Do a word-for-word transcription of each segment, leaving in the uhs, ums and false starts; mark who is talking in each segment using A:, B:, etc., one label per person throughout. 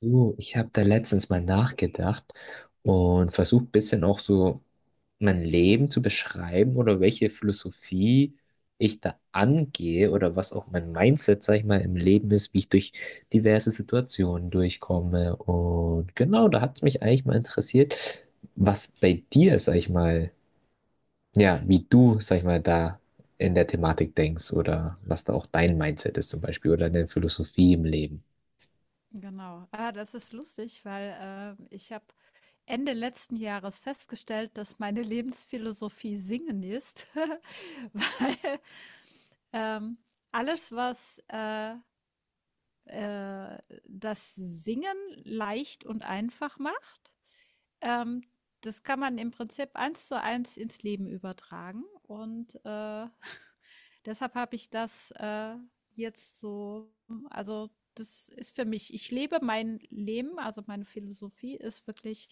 A: Du, ich habe da letztens mal nachgedacht und versucht ein bisschen auch so mein Leben zu beschreiben oder welche Philosophie ich da angehe oder was auch mein Mindset, sag ich mal, im Leben ist, wie ich durch diverse Situationen durchkomme. Und genau, da hat es mich eigentlich mal interessiert, was bei dir, sag ich mal, ja, wie du, sag ich mal, da in der Thematik denkst oder was da auch dein Mindset ist zum Beispiel oder deine Philosophie im Leben.
B: Genau. Ah, das ist lustig, weil ähm, ich habe Ende letzten Jahres festgestellt, dass meine Lebensphilosophie Singen ist, weil ähm, alles, was äh, äh, das Singen leicht und einfach macht, ähm, das kann man im Prinzip eins zu eins ins Leben übertragen. Und, äh, deshalb habe ich das, äh, jetzt so. Also, das ist für mich, ich lebe mein Leben, also, meine Philosophie ist wirklich,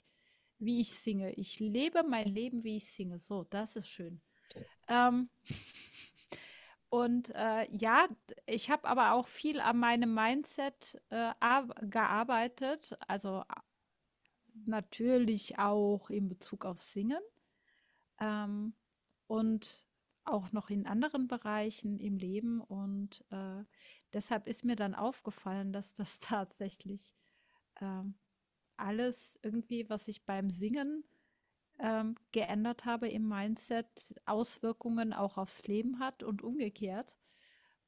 B: wie ich singe. Ich lebe mein Leben, wie ich singe. So, das ist schön. Ähm, und, äh, ja, d ich habe aber auch viel an meinem Mindset, äh, arb gearbeitet, also, a natürlich auch in Bezug auf Singen, ähm, und auch noch in anderen Bereichen im Leben. Und äh, deshalb ist mir dann aufgefallen, dass das tatsächlich ähm, alles irgendwie, was ich beim Singen ähm, geändert habe im Mindset, Auswirkungen auch aufs Leben hat und umgekehrt.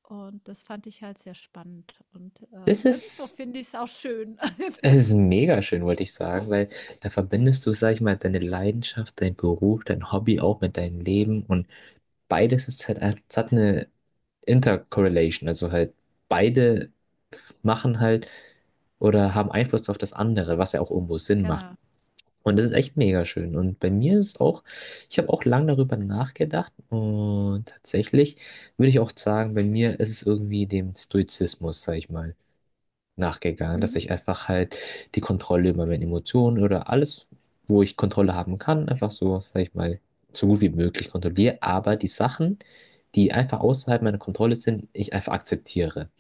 B: Und das fand ich halt sehr spannend. Und äh,
A: Das
B: irgendwo
A: ist
B: finde ich es auch schön.
A: Es ist mega schön, wollte ich sagen, weil da verbindest du, sag ich mal, deine Leidenschaft, dein Beruf, dein Hobby auch mit deinem Leben und beides ist halt, es hat eine Intercorrelation, also halt beide machen halt oder haben Einfluss auf das andere, was ja auch irgendwo Sinn macht.
B: Genau.
A: Und das ist echt mega schön. Und bei mir ist es auch, ich habe auch lange darüber nachgedacht und tatsächlich würde ich auch sagen, bei mir ist es irgendwie dem Stoizismus, sag ich mal, nachgegangen, dass
B: Mhm.
A: ich einfach halt die Kontrolle über meine Emotionen oder alles, wo ich Kontrolle haben kann, einfach so, sag ich mal, so gut wie möglich kontrolliere, aber die Sachen, die einfach außerhalb meiner Kontrolle sind, ich einfach akzeptiere.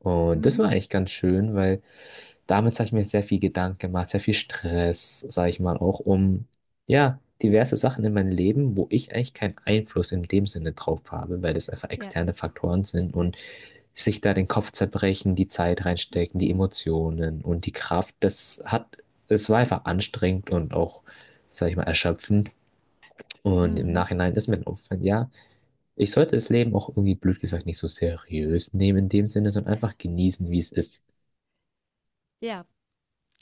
A: Und das war
B: Mhm.
A: eigentlich ganz schön, weil damit habe ich mir sehr viel Gedanken gemacht, sehr viel Stress, sage ich mal, auch um, ja, diverse Sachen in meinem Leben, wo ich eigentlich keinen Einfluss in dem Sinne drauf habe, weil das einfach
B: Ja.
A: externe Faktoren sind und sich da den Kopf zerbrechen, die Zeit reinstecken, die Emotionen und die Kraft, das hat, es war einfach anstrengend und auch, sag ich mal, erschöpfend. Und im
B: Mhm.
A: Nachhinein ist mir dann aufgefallen, ja, ich sollte das Leben auch irgendwie, blöd gesagt, nicht so seriös nehmen in dem Sinne, sondern einfach genießen, wie es ist.
B: Ja.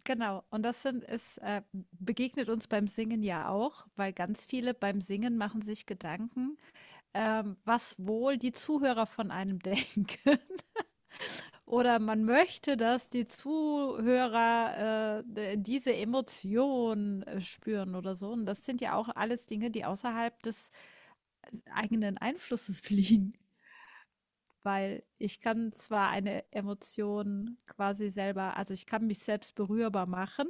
B: Genau, und das sind es äh, begegnet uns beim Singen ja auch, weil ganz viele beim Singen machen sich Gedanken, ähm, was wohl die Zuhörer von einem denken. Oder man möchte, dass die Zuhörer äh, d- diese Emotion äh, spüren oder so. Und das sind ja auch alles Dinge, die außerhalb des eigenen Einflusses liegen. Weil ich kann zwar eine Emotion quasi selber, also ich kann mich selbst berührbar machen.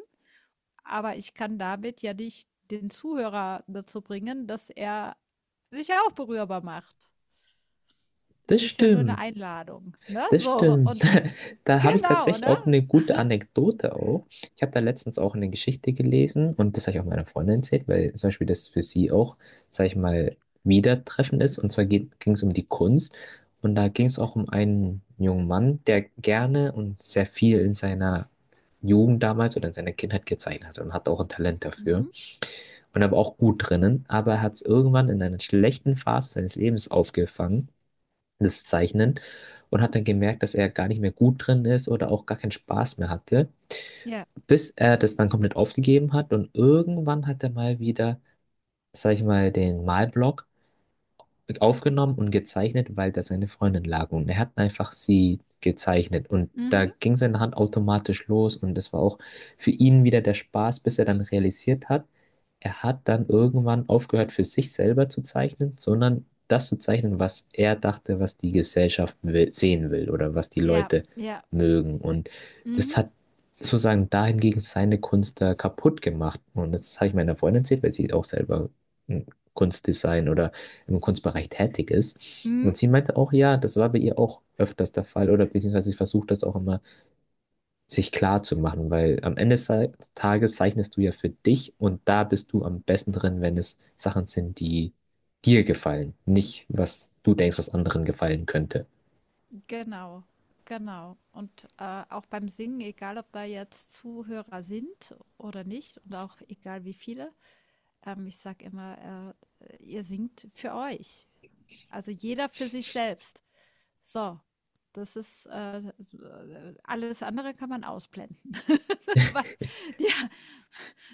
B: Aber ich kann damit ja nicht den Zuhörer dazu bringen, dass er sich ja auch berührbar macht. Das
A: Das
B: ist ja nur eine
A: stimmt.
B: Einladung, ne?
A: Das
B: So
A: stimmt.
B: und
A: Da habe ich
B: genau,
A: tatsächlich
B: ne?
A: auch eine gute Anekdote auch. Ich habe da letztens auch eine Geschichte gelesen und das habe ich auch meiner Freundin erzählt, weil zum Beispiel das für sie auch, sage ich mal, wieder treffen ist. Und zwar ging es um die Kunst und da ging es auch um einen jungen Mann, der gerne und sehr viel in seiner Jugend damals oder in seiner Kindheit gezeichnet hat und hat auch ein Talent dafür
B: Mhm.
A: und er war auch gut drinnen, aber er hat es irgendwann in einer schlechten Phase seines Lebens aufgefangen, das Zeichnen, und hat dann gemerkt, dass er gar nicht mehr gut drin ist oder auch gar keinen Spaß mehr hatte,
B: Ja.
A: bis er das dann komplett aufgegeben hat und irgendwann hat er mal wieder, sag ich mal, den Malblock mit aufgenommen und gezeichnet, weil da seine Freundin lag. Und er hat einfach sie gezeichnet. Und da
B: Mhm.
A: ging seine Hand automatisch los. Und das war auch für ihn wieder der Spaß, bis er dann realisiert hat, er hat dann irgendwann aufgehört, für sich selber zu zeichnen, sondern das zu zeichnen, was er dachte, was die Gesellschaft will, sehen will oder was die
B: Ja,
A: Leute
B: ja.
A: mögen. Und das
B: Mhm.
A: hat sozusagen dahingegen seine Kunst da kaputt gemacht. Und das habe ich meiner Freundin erzählt, weil sie auch selber ein Kunstdesign oder im Kunstbereich tätig ist.
B: Mhm.
A: Und sie meinte auch, ja, das war bei ihr auch öfters der Fall oder beziehungsweise sie versucht das auch immer sich klar zu machen, weil am Ende des Tages zeichnest du ja für dich und da bist du am besten drin, wenn es Sachen sind, die dir gefallen, nicht was du denkst, was anderen gefallen könnte.
B: Genau, genau. Und, äh, auch beim Singen, egal ob da jetzt Zuhörer sind oder nicht und auch egal wie viele, ähm, ich sage immer, äh, ihr singt für euch. Also jeder für sich selbst. So, das ist äh, alles andere kann man ausblenden. Weil, ja,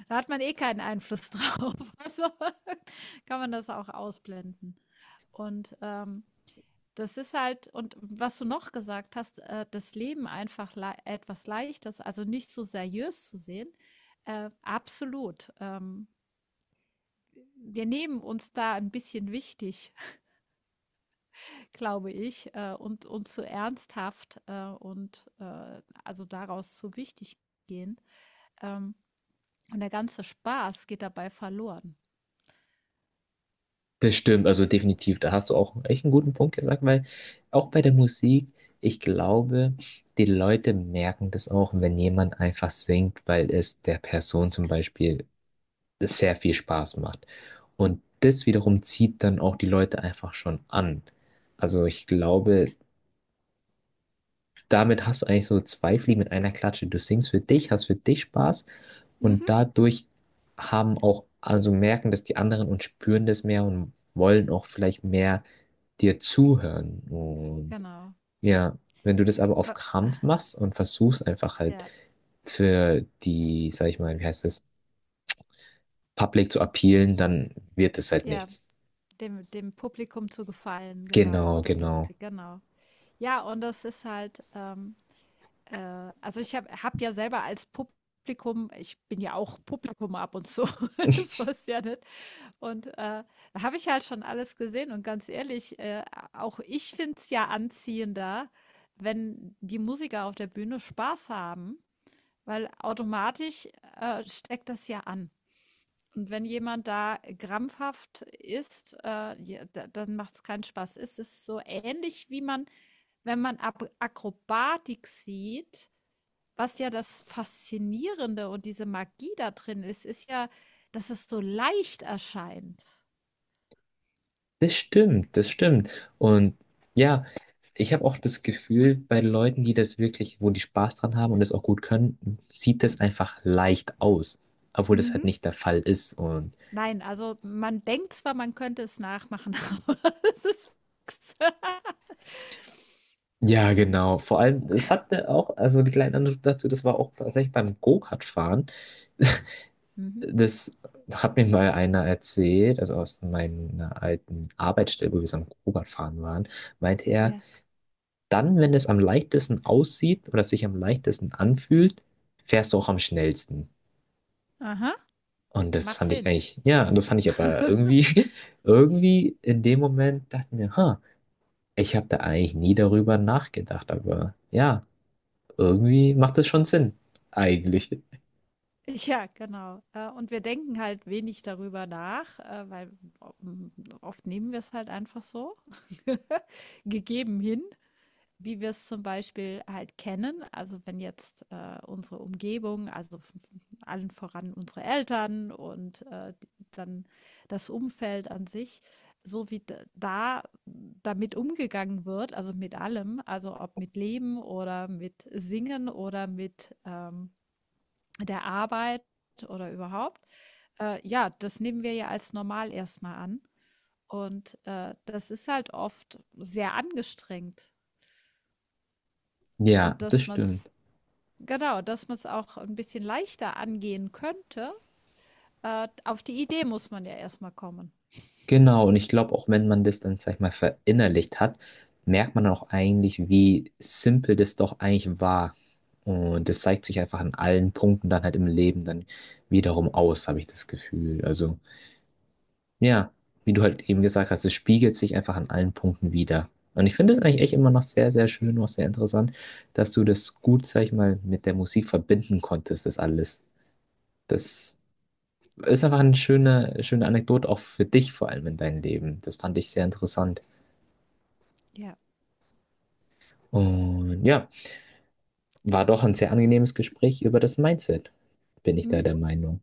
B: da hat man eh keinen Einfluss drauf. Also kann man das auch ausblenden. Und ähm, das ist halt, und was du noch gesagt hast, äh, das Leben einfach le etwas Leichtes, also nicht so seriös zu sehen. Äh, absolut. Ähm, wir nehmen uns da ein bisschen wichtig, glaube ich, äh, und und zu ernsthaft, äh, und, äh, also daraus zu wichtig gehen. Ähm, und der ganze Spaß geht dabei verloren.
A: Das stimmt, also definitiv, da hast du auch echt einen guten Punkt gesagt, weil auch bei der Musik, ich glaube, die Leute merken das auch, wenn jemand einfach singt, weil es der Person zum Beispiel sehr viel Spaß macht. Und das wiederum zieht dann auch die Leute einfach schon an. Also ich glaube, damit hast du eigentlich so zwei Fliegen mit einer Klatsche. Du singst für dich, hast für dich Spaß und
B: Mhm.
A: dadurch haben auch, also merken das die anderen und spüren das mehr und wollen auch vielleicht mehr dir zuhören. Und
B: Genau.
A: ja, wenn du das aber auf Krampf machst und versuchst einfach halt
B: ja,
A: für die, sag ich mal, wie heißt das, Public zu appealen, dann wird es halt
B: ja,
A: nichts.
B: dem dem Publikum zu gefallen, genau,
A: Genau,
B: oder das,
A: genau.
B: genau. Ja, und das ist halt, ähm, äh also ich habe habe ja selber als Publikum ich bin ja auch Publikum ab und zu, so ist ja nicht. Und äh, da habe ich halt schon alles gesehen und ganz ehrlich, äh, auch ich finde es ja anziehender, wenn die Musiker auf der Bühne Spaß haben, weil automatisch äh, steckt das ja an. Und wenn jemand da krampfhaft ist, äh, ja, da, dann macht es keinen Spaß. Es ist so ähnlich wie man, wenn man Ab Akrobatik sieht, was ja das Faszinierende und diese Magie da drin ist, ist ja, dass es so leicht erscheint.
A: Das stimmt, das stimmt. Und ja, ich habe auch das Gefühl, bei Leuten, die das wirklich, wo die Spaß dran haben und das auch gut können, sieht das einfach leicht aus, obwohl das halt
B: Mhm.
A: nicht der Fall ist. Und
B: Nein, also man denkt zwar, man könnte es nachmachen, aber es ist nix.
A: ja, genau. Vor allem, es hatte auch, also die kleine Anekdote dazu, das war auch tatsächlich beim Go-Kart-Fahren.
B: Mhm.
A: Das hat mir mal einer erzählt, also aus meiner alten Arbeitsstelle, wo wir so am Go-Kart fahren waren, meinte er,
B: Ja.
A: dann, wenn es am leichtesten aussieht oder sich am leichtesten anfühlt, fährst du auch am schnellsten.
B: Aha.
A: Und das
B: Macht
A: fand ich
B: Sinn.
A: eigentlich, ja, und das fand ich aber irgendwie, irgendwie in dem Moment dachte ich mir, ha, ich habe da eigentlich nie darüber nachgedacht, aber ja, irgendwie macht das schon Sinn. Eigentlich.
B: Ja, genau. Äh, und wir denken halt wenig darüber nach, äh, weil o hm, oft nehmen wir es halt einfach so gegeben hin, wie wir es zum Beispiel halt kennen. Also wenn jetzt äh, unsere Umgebung, also f- allen voran unsere Eltern und äh, die- dann das Umfeld an sich, so wie d- da damit umgegangen wird, also mit allem, also ob mit Leben oder mit Singen oder mit ähm, der Arbeit oder überhaupt, äh, ja, das nehmen wir ja als normal erstmal an. Und äh, das ist halt oft sehr angestrengt.
A: Ja,
B: Und
A: das
B: dass man
A: stimmt.
B: es Genau, dass man es auch ein bisschen leichter angehen könnte. Äh, auf die Idee muss man ja erstmal kommen.
A: Genau, und ich glaube, auch wenn man das dann, sag ich mal, verinnerlicht hat, merkt man dann auch eigentlich, wie simpel das doch eigentlich war. Und das zeigt sich einfach an allen Punkten dann halt im Leben dann wiederum aus, habe ich das Gefühl. Also, ja, wie du halt eben gesagt hast, es spiegelt sich einfach an allen Punkten wieder. Und ich finde es eigentlich echt immer noch sehr, sehr schön, noch sehr interessant, dass du das gut, sag ich mal, mit der Musik verbinden konntest, das alles. Das ist einfach eine schöne, schöne Anekdote, auch für dich vor allem in deinem Leben. Das fand ich sehr interessant.
B: Ja.
A: Und ja, war doch ein sehr angenehmes Gespräch über das Mindset, bin ich da der
B: Mhm.
A: Meinung.